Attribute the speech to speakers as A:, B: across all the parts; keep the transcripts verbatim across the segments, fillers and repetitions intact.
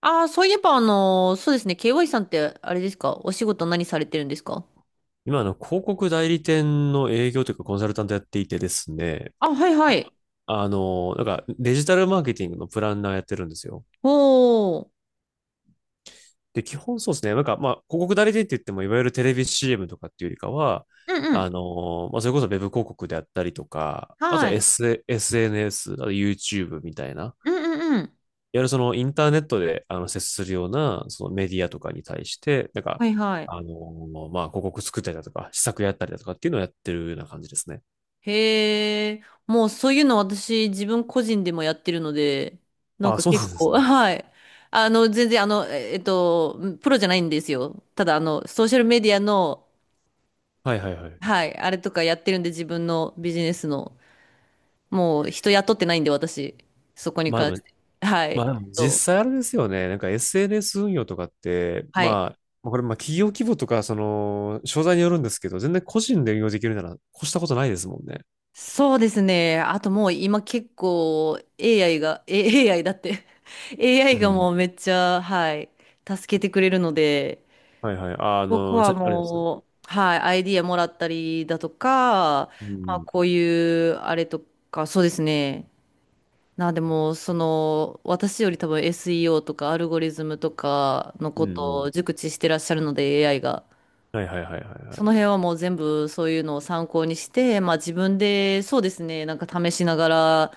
A: ああ、そういえば、あのーそうですね。ケーワイ さんって、あれですか？お仕事何されてるんですか？
B: 今、あの、広告代理店の営業というかコンサルタントやっていてですね、
A: あ、はいは
B: あ
A: い。
B: あの、なんかデジタルマーケティングのプランナーやってるんですよ。
A: おー。
B: で、基本そうですね、なんかまあ、広告代理店って言っても、いわゆるテレビ シーエム とかっていうよりかは、
A: うんうん。
B: あの、まあ、それこそウェブ広告であったりとか、あと
A: はい。
B: S、エスエヌエス、あと YouTube みたいな、いわ
A: うんうんうん。
B: ゆるそのインターネットであの接するようなそのメディアとかに対して、なんか、
A: はいはい。
B: あの、まあ、広告作ったりだとか、施策やったりだとかっていうのをやってるような感じですね。
A: へえ。もうそういうの私、自分個人でもやってるので、なん
B: あ、
A: か
B: そうな
A: 結
B: んで
A: 構、
B: すね。
A: はい。あの、全然、あの、ええっと、プロじゃないんですよ。ただ、あの、ソーシャルメディアの、
B: はいはいはい。
A: はい、あれとかやってるんで、自分のビジネスの。もう、人雇ってないんで、私。そこに
B: まあ
A: 関
B: で
A: し
B: も、
A: て。はい。え
B: まあでも
A: っと
B: 実際あれですよね。なんか エスエヌエス 運用とかって、
A: はい。
B: まあ、これまあ企業規模とか、その、商材によるんですけど、全然個人で運用できるなら、越したことないですもんね。
A: そうですね。あともう今結構 エーアイ が、え エーアイ だって
B: う
A: エーアイ が
B: ん。
A: もうめっちゃ、はい、助けてくれるので、
B: はいはい。あ、あ
A: 僕
B: の、
A: は
B: じゃ、あれです。
A: もう、はい、アイディアもらったりだとか、
B: う
A: まあ
B: ん。
A: こういうあれとか、そうですね。なんでも、その、私より多分 エスイーオー とかアルゴリズムとかの
B: う
A: こ
B: んう
A: と
B: ん。
A: を熟知してらっしゃるので エーアイ が。
B: はいはいはいはいは
A: その
B: い。
A: 辺はもう全部そういうのを参考にして、まあ自分でそうですね、なんか試しながら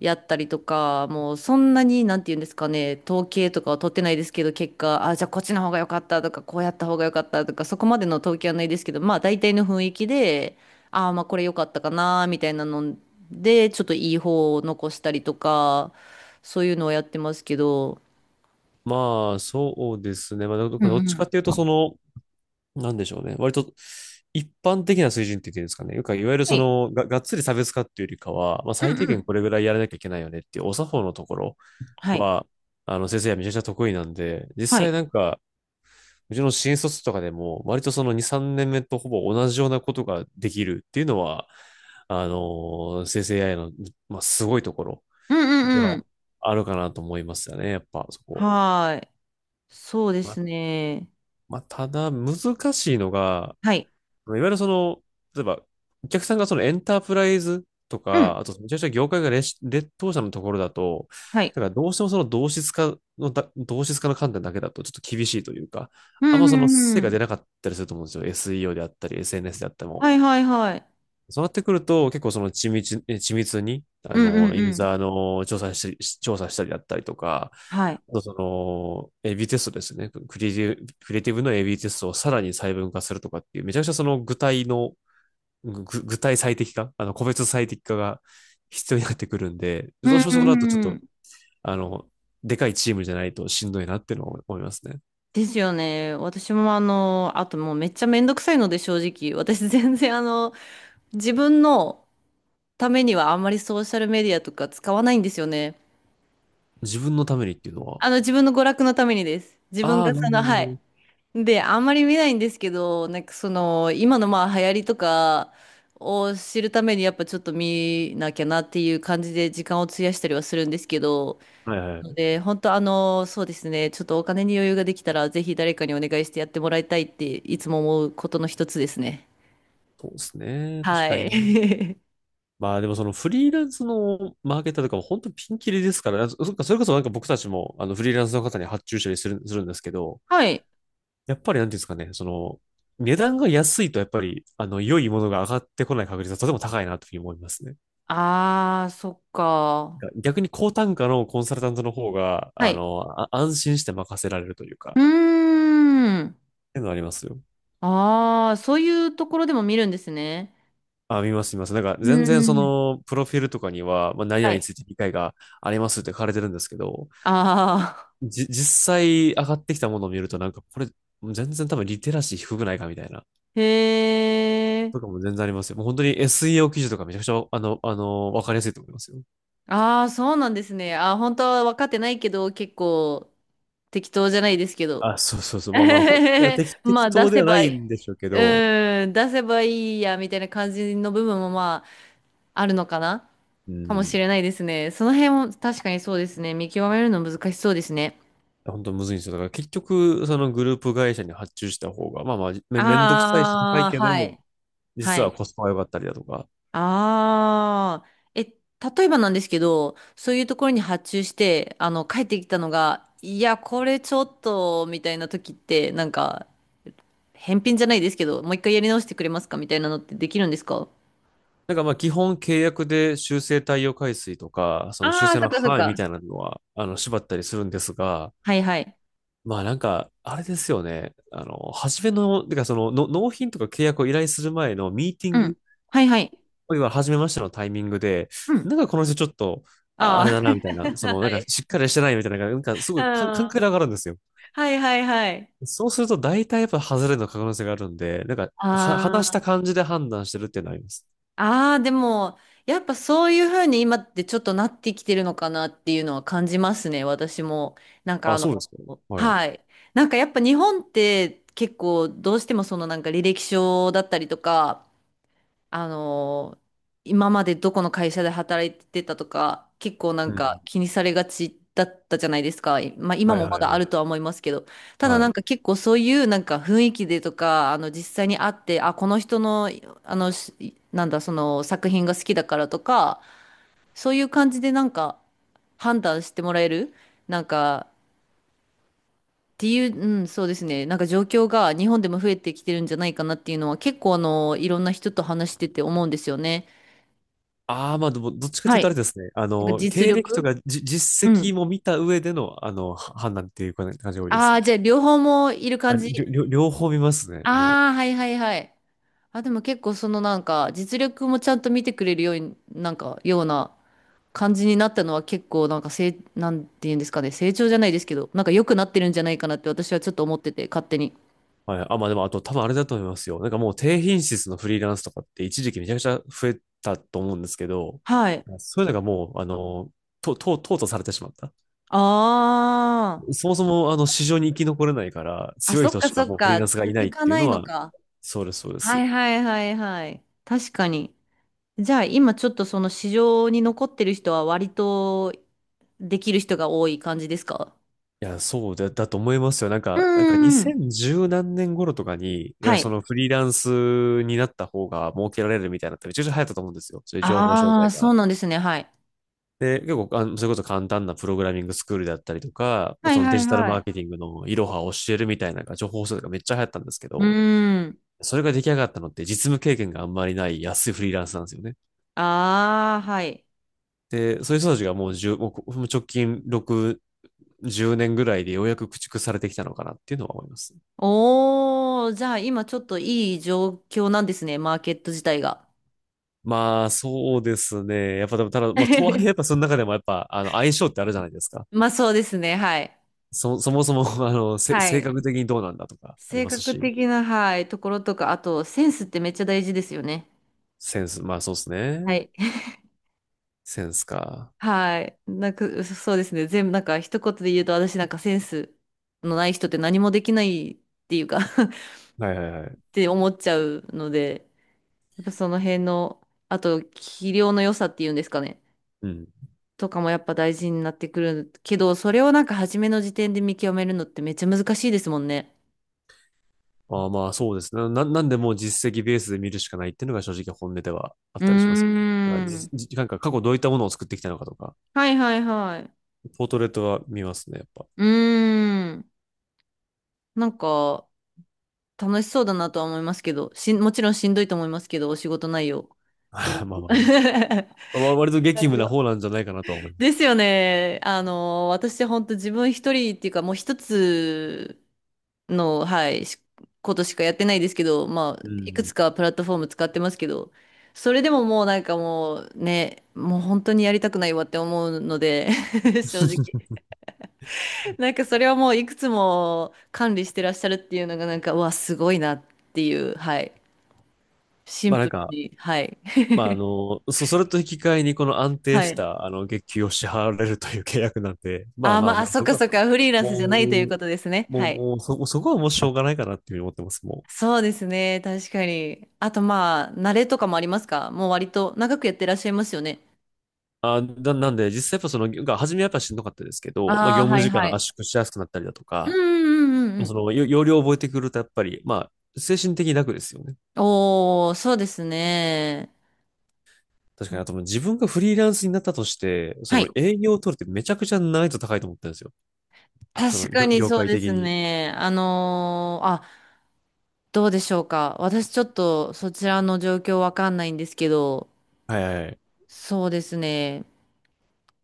A: やったりとか、もうそんなになんて言うんですかね、統計とかは取ってないですけど、結果、あ、じゃあこっちの方が良かったとか、こうやった方が良かったとか、そこまでの統計はないですけど、まあ大体の雰囲気で、ああ、まあこれ良かったかな、みたいなので、ちょっといい方を残したりとか、そういうのをやってますけど、
B: まあ、そうですね。まあ、ど
A: うん
B: どっちかっていう
A: うん。
B: と、その、なんでしょうね。割と、一般的な水準って言っていうんですかね。よくいわゆる
A: は
B: そ
A: い。
B: の、が、がっつり差別化っていうよりかは、まあ、
A: う
B: 最
A: ん
B: 低
A: う
B: 限
A: ん。
B: これぐらいやらなきゃいけないよねっていう、お作法のところ
A: はい。
B: は、あの、先生はめちゃくちゃ得意なんで、実
A: は
B: 際な
A: い。
B: んか、うちの新卒とかでも、割とそのに、さんねんめとほぼ同じようなことができるっていうのは、あの、生成 エーアイ の、まあ、すごいところ
A: うんう
B: で
A: んう
B: は
A: ん。
B: あるかなと思いますよね、やっぱそこ。
A: はーい。そうで
B: ま、
A: すね。
B: まあ、ただ難しいのが、
A: はい。
B: いわゆるその、例えば、お客さんがそのエンタープライズと
A: う
B: か、
A: ん。
B: あとめちゃくちゃ業界が劣劣等者のところだと、
A: はい。
B: だからどうしてもその同質化のだ、同質化の観点だけだとちょっと厳しいというか、
A: う
B: あん
A: ん、
B: ま
A: う
B: その成
A: ん、う
B: 果
A: ん。
B: 出なかったりすると思うんですよ。エスイーオー であったり、エスエヌエス であっても。
A: はいはいはい。
B: そうなってくると、結構その緻密、え緻密に、あ
A: うん、う
B: の、
A: ん、う
B: ユー
A: ん。
B: ザーの調査し、調査したりだったりとか、
A: はい。
B: あとその、エービー テストですね。クリエイティブ、クリエイティブの エービー テストをさらに細分化するとかっていう、めちゃくちゃその具体の具体最適化、あの、個別最適化が必要になってくるんで、
A: う
B: どう
A: ん、
B: しても
A: う
B: そこだとちょっ
A: ん、う
B: と、
A: ん。
B: あの、でかいチームじゃないとしんどいなっていうのは思いますね。
A: ですよね。私もあの、あともうめっちゃめんどくさいので正直、私 全然あの、自分のためにはあんまりソーシャルメディアとか使わないんですよね。
B: 自分のためにっていうのは。
A: あの、自分の娯楽のためにです。自分
B: あ
A: が
B: あ、なる
A: そ
B: ほ
A: の、
B: ど
A: はい。
B: ね。
A: で、あんまり見ないんですけど、なんかその、今のまあ流行りとかを知るためにやっぱちょっと見なきゃなっていう感じで時間を費やしたりはするんですけど、
B: はいは
A: の
B: い。
A: で、本当あの、そうですね、ちょっとお金に余裕ができたらぜひ誰かにお願いしてやってもらいたいっていつも思うことの一つですね。
B: そうですね。確
A: は
B: かに
A: い。
B: な。まあでもそのフリーランスのマーケターとかも本当ピンキリですから、そそっかそれこそなんか僕たちもあのフリーランスの方に発注したりする、するんですけど、
A: はい。
B: やっぱりなんていうんですかね、その値段が安いとやっぱりあの良いものが上がってこない確率はとても高いなというふうに思いますね。
A: ああ、そっか。
B: 逆に高単価のコンサルタントの方が、
A: は
B: あ
A: い。
B: の、あ安心して任せられるというか、っ
A: うーん。
B: ていうのありますよ。
A: ああ、そういうところでも見るんですね。
B: あ、見ます、見ます。なんか、
A: う
B: 全然
A: ー
B: そ
A: ん。
B: の、プロフィールとかには、まあ、何
A: は
B: 々に
A: い。
B: ついて理解がありますって書かれてるんですけど、
A: ああ。
B: じ、実際上がってきたものを見ると、なんか、これ、全然多分リテラシー低くないかみたいな、
A: へえ。
B: とかも全然ありますよ。もう本当に エスイーオー 記事とかめちゃくちゃ、あの、あの、わかりやすいと思いますよ。
A: ああ、そうなんですね。あー、本当は分かってないけど、結構適当じゃないですけど。
B: あ、そうそうそう。まあまあ、本人は 適、
A: ま
B: 適
A: あ、出
B: 当で
A: せ
B: はな
A: ばい
B: い
A: い。
B: んでしょうけど、
A: うん、出せばいいや、みたいな感じの部分もまあ、あるのかな
B: う
A: かもし
B: ん、
A: れないですね。その辺も確かにそうですね。見極めるの難しそうですね。
B: 本当むずいんですよ。だから結局、そのグループ会社に発注した方が、まあまあ、め、めんどくさいし高い
A: ああ、
B: け
A: は
B: ど、
A: い。は
B: 実は
A: い。
B: コスパが良かったりだとか。
A: ああ、え、例えばなんですけど、そういうところに発注して、あの、帰ってきたのが、いや、これちょっと、みたいな時って、なんか、返品じゃないですけど、もう一回やり直してくれますかみたいなのってできるんですか？
B: なんかまあ基本契約で修正対応回数とか、その修
A: ああ、
B: 正
A: そっ
B: の
A: かそっ
B: 範囲み
A: か。
B: たいなのは、あの、縛ったりするんですが、
A: はいはい。
B: まあなんか、あれですよね。あの、初めの、てかそのの、納品とか契約を依頼する前のミーティ
A: う
B: ング、い
A: ん。はいはい。
B: わゆる初めましてのタイミングで、
A: うん。
B: なんかこの人ちょっと、ああ
A: ああ。
B: れだな、みたいな、そ の、な
A: は
B: んか
A: い。
B: しっかりしてないみたいな、なんかす ご
A: あ
B: い感感覚
A: あ
B: が上がるんですよ。
A: はいはいはい。
B: そうすると大体やっぱ外れの可能性があるんで、なんか、は、
A: あ
B: 話し
A: あ。
B: た感じで判断してるっていうのはあります。
A: ああ、でも、やっぱそういうふうに今ってちょっとなってきてるのかなっていうのは感じますね、私も。なんかあ
B: あ、そうで
A: の、
B: すか。はい。
A: はい。なんかやっぱ日本って結構どうしてもそのなんか履歴書だったりとか、あのー今までどこの会社で働いてたとか、結構な
B: う
A: んか
B: ん。
A: 気にされがちだったじゃないですか。まあ今
B: はい
A: も
B: は
A: ま
B: い
A: だ
B: は
A: あ
B: い。
A: るとは思いますけど、ただ
B: は
A: なん
B: い。
A: か結構そういうなんか雰囲気でとか、あの実際に会って、あ、この人の、あの、しなんだ、その作品が好きだからとか、そういう感じでなんか判断してもらえる、なんか、っていう、うん、そうですね。なんか状況が日本でも増えてきてるんじゃないかなっていうのは結構あの、いろんな人と話してて思うんですよね。
B: ああ、まあでも、どっちかと
A: は
B: いうとあれ
A: い。
B: ですね。あ
A: なんか
B: の、
A: 実
B: 経歴と
A: 力
B: かじ、
A: う
B: 実績
A: ん。
B: も見た上での、あの、は判断っていう感じが多いで
A: あ
B: す。
A: あ、じゃあ両方もいる
B: あ、
A: 感
B: りょ、
A: じ。
B: りょ両方見ますね、も
A: ああ、はいはいはい。あ、でも結構そのなんか実力もちゃんと見てくれるように、なんかような感じになったのは結構なんか成、なんて言うんですかね、成長じゃないですけど、なんか良くなってるんじゃないかなって私はちょっと思ってて、勝手に。
B: う。はい。あ、まあでも、あと多分あれだと思いますよ。なんかもう低品質のフリーランスとかって一時期めちゃくちゃ増えたと思うんですけど、
A: はい。
B: そういうのがもう、あの、と、と、淘汰されてしまった。
A: あ
B: そもそもあの市場に生き残れないから
A: あ。あ、
B: 強い
A: そっ
B: 人
A: か
B: し
A: そ
B: か
A: っ
B: もうフリー
A: か。
B: ランスがいない
A: 続
B: っ
A: か
B: ていう
A: ない
B: の
A: の
B: は、
A: か。
B: そうです、そうで
A: は
B: す。い
A: いはいはいはい。確かに。じゃあ今ちょっとその市場に残ってる人は割とできる人が多い感じですか？
B: や、そうだ、だと思いますよ。なん
A: う
B: か、なんか
A: ーん。
B: にせんじゅう何年頃とかに、い
A: は
B: や、そ
A: い。
B: のフリーランスになった方が儲けられるみたいなのってめちゃくちゃ流行ったと思うんですよ。そういう情報商
A: ああ、
B: 材
A: そ
B: が。
A: うなんですね。はい。
B: で、結構、あの、それこそ簡単なプログラミングスクールだったりとか、まあ
A: はい
B: そのデ
A: はい
B: ジタル
A: は
B: マーケ
A: い。
B: ティングのいろはを教えるみたいなのが情報商材がめっちゃ流行ったんですけ
A: う
B: ど、
A: ーん。
B: それが出来上がったのって実務経験があんまりない安いフリーランスなんですよね。
A: ああ、はい。
B: で、そういう人たちがもう1もう直近ろく、じゅうねんぐらいでようやく駆逐されてきたのかなっていうのは思います。
A: おー、じゃあ今ちょっといい状況なんですね。マーケット自体が。
B: まあ、そうですね。やっぱ、でもただ、まあ、とはいえ、やっぱ その中でもやっぱ、あの、相性ってあるじゃないですか。
A: まあそうですね。はい。
B: そ、そもそも、あの、せ、
A: は
B: 性
A: い。
B: 格的にどうなんだとかあり
A: 性
B: ます
A: 格
B: し、
A: 的な、はい、ところとか、あとセンスってめっちゃ大事ですよね。
B: センス、まあそうです
A: は
B: ね。
A: い。
B: センスか。
A: はい。なんか、そうですね。全部、なんか、一言で言うと、私なんかセンスのない人って何もできないっていうか
B: はいはいはい。
A: って思っちゃうので、やっぱその辺の、あと、器量の良さっていうんですかね、
B: うん。
A: とかもやっぱ大事になってくるけど、それをなんか初めの時点で見極めるのってめっちゃ難しいですもんね。
B: まあまあ、そうですね。な、なんでもう実績ベースで見るしかないっていうのが正直本音ではあっ
A: うー
B: たりしますよね。だからじ、
A: ん。
B: じなんか過去どういったものを作ってきたのかとか、
A: はいはいはい。
B: ポートレートは見ますね、やっぱ。
A: うーん。なんか、楽しそうだなとは思いますけど、しん、もちろんしんどいと思いますけど、お仕事内容。
B: ま
A: いろ
B: あ
A: い
B: まあ
A: ろ
B: ま あ、わ割と
A: い
B: 激
A: ろい
B: 務な
A: ろ
B: 方なんじゃないかなとは思い ま
A: で
B: す。
A: すよね。あの、私本当自分一人っていうか、もう一つの、はい、しことしかやってないですけど、ま
B: う
A: あ、いくつ
B: ん。
A: かプラットフォーム使ってますけど、それでももうなんかもうね、もう本当にやりたくないわって思うので、正直。なんかそれはもういくつも管理してらっしゃるっていうのがなんか、うわ、すごいなっていう、はい。シン
B: まあなん
A: プル
B: か、
A: に、はい。
B: まああの、そ、それと引き換えにこの安
A: は
B: 定し
A: い。
B: たあの月給を支払われるという契約なんで、ま
A: あ
B: あ
A: ー、
B: まあ
A: まあ、あ
B: もう
A: そっ
B: そ
A: か
B: こは、
A: そっか、フリーランスじゃ
B: も
A: ないという
B: う、
A: ことですね。
B: も
A: は
B: う、
A: い。
B: もうそ、そこはもうしょうがないかなっていうふうに思ってます、もう。
A: そうですね、確かに。あとまあ、慣れとかもありますか？もう割と長くやってらっしゃいますよね。
B: あ、な、なんで実際やっぱその、が初めはやっぱしんどかったですけど、まあ
A: あ
B: 業
A: あ、は
B: 務
A: い
B: 時
A: は
B: 間
A: い。
B: 圧縮しやすくなったりだと
A: うん
B: か、
A: うんうん
B: ま
A: う
B: あそ
A: ん。
B: の、よ要領を覚えてくるとやっぱり、まあ精神的に楽ですよね。
A: おー、そうですね。
B: 確か
A: ま
B: に、あともう自分がフリーランスになったとして、そ
A: は
B: の
A: い。
B: 営業を取るってめちゃくちゃ難易度高いと思ったんですよ。その
A: 確か
B: 業、
A: に
B: 業
A: そう
B: 界
A: で
B: 的
A: す
B: に。
A: ね。あのーあ、どうでしょうか。私ちょっとそちらの状況わかんないんですけど、
B: はいはいはい。
A: そうですね。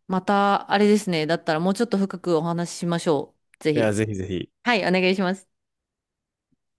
A: また、あれですね。だったらもうちょっと深くお話ししましょう。ぜ
B: いや、
A: ひ。
B: ぜひぜひ。
A: はい、お願いします。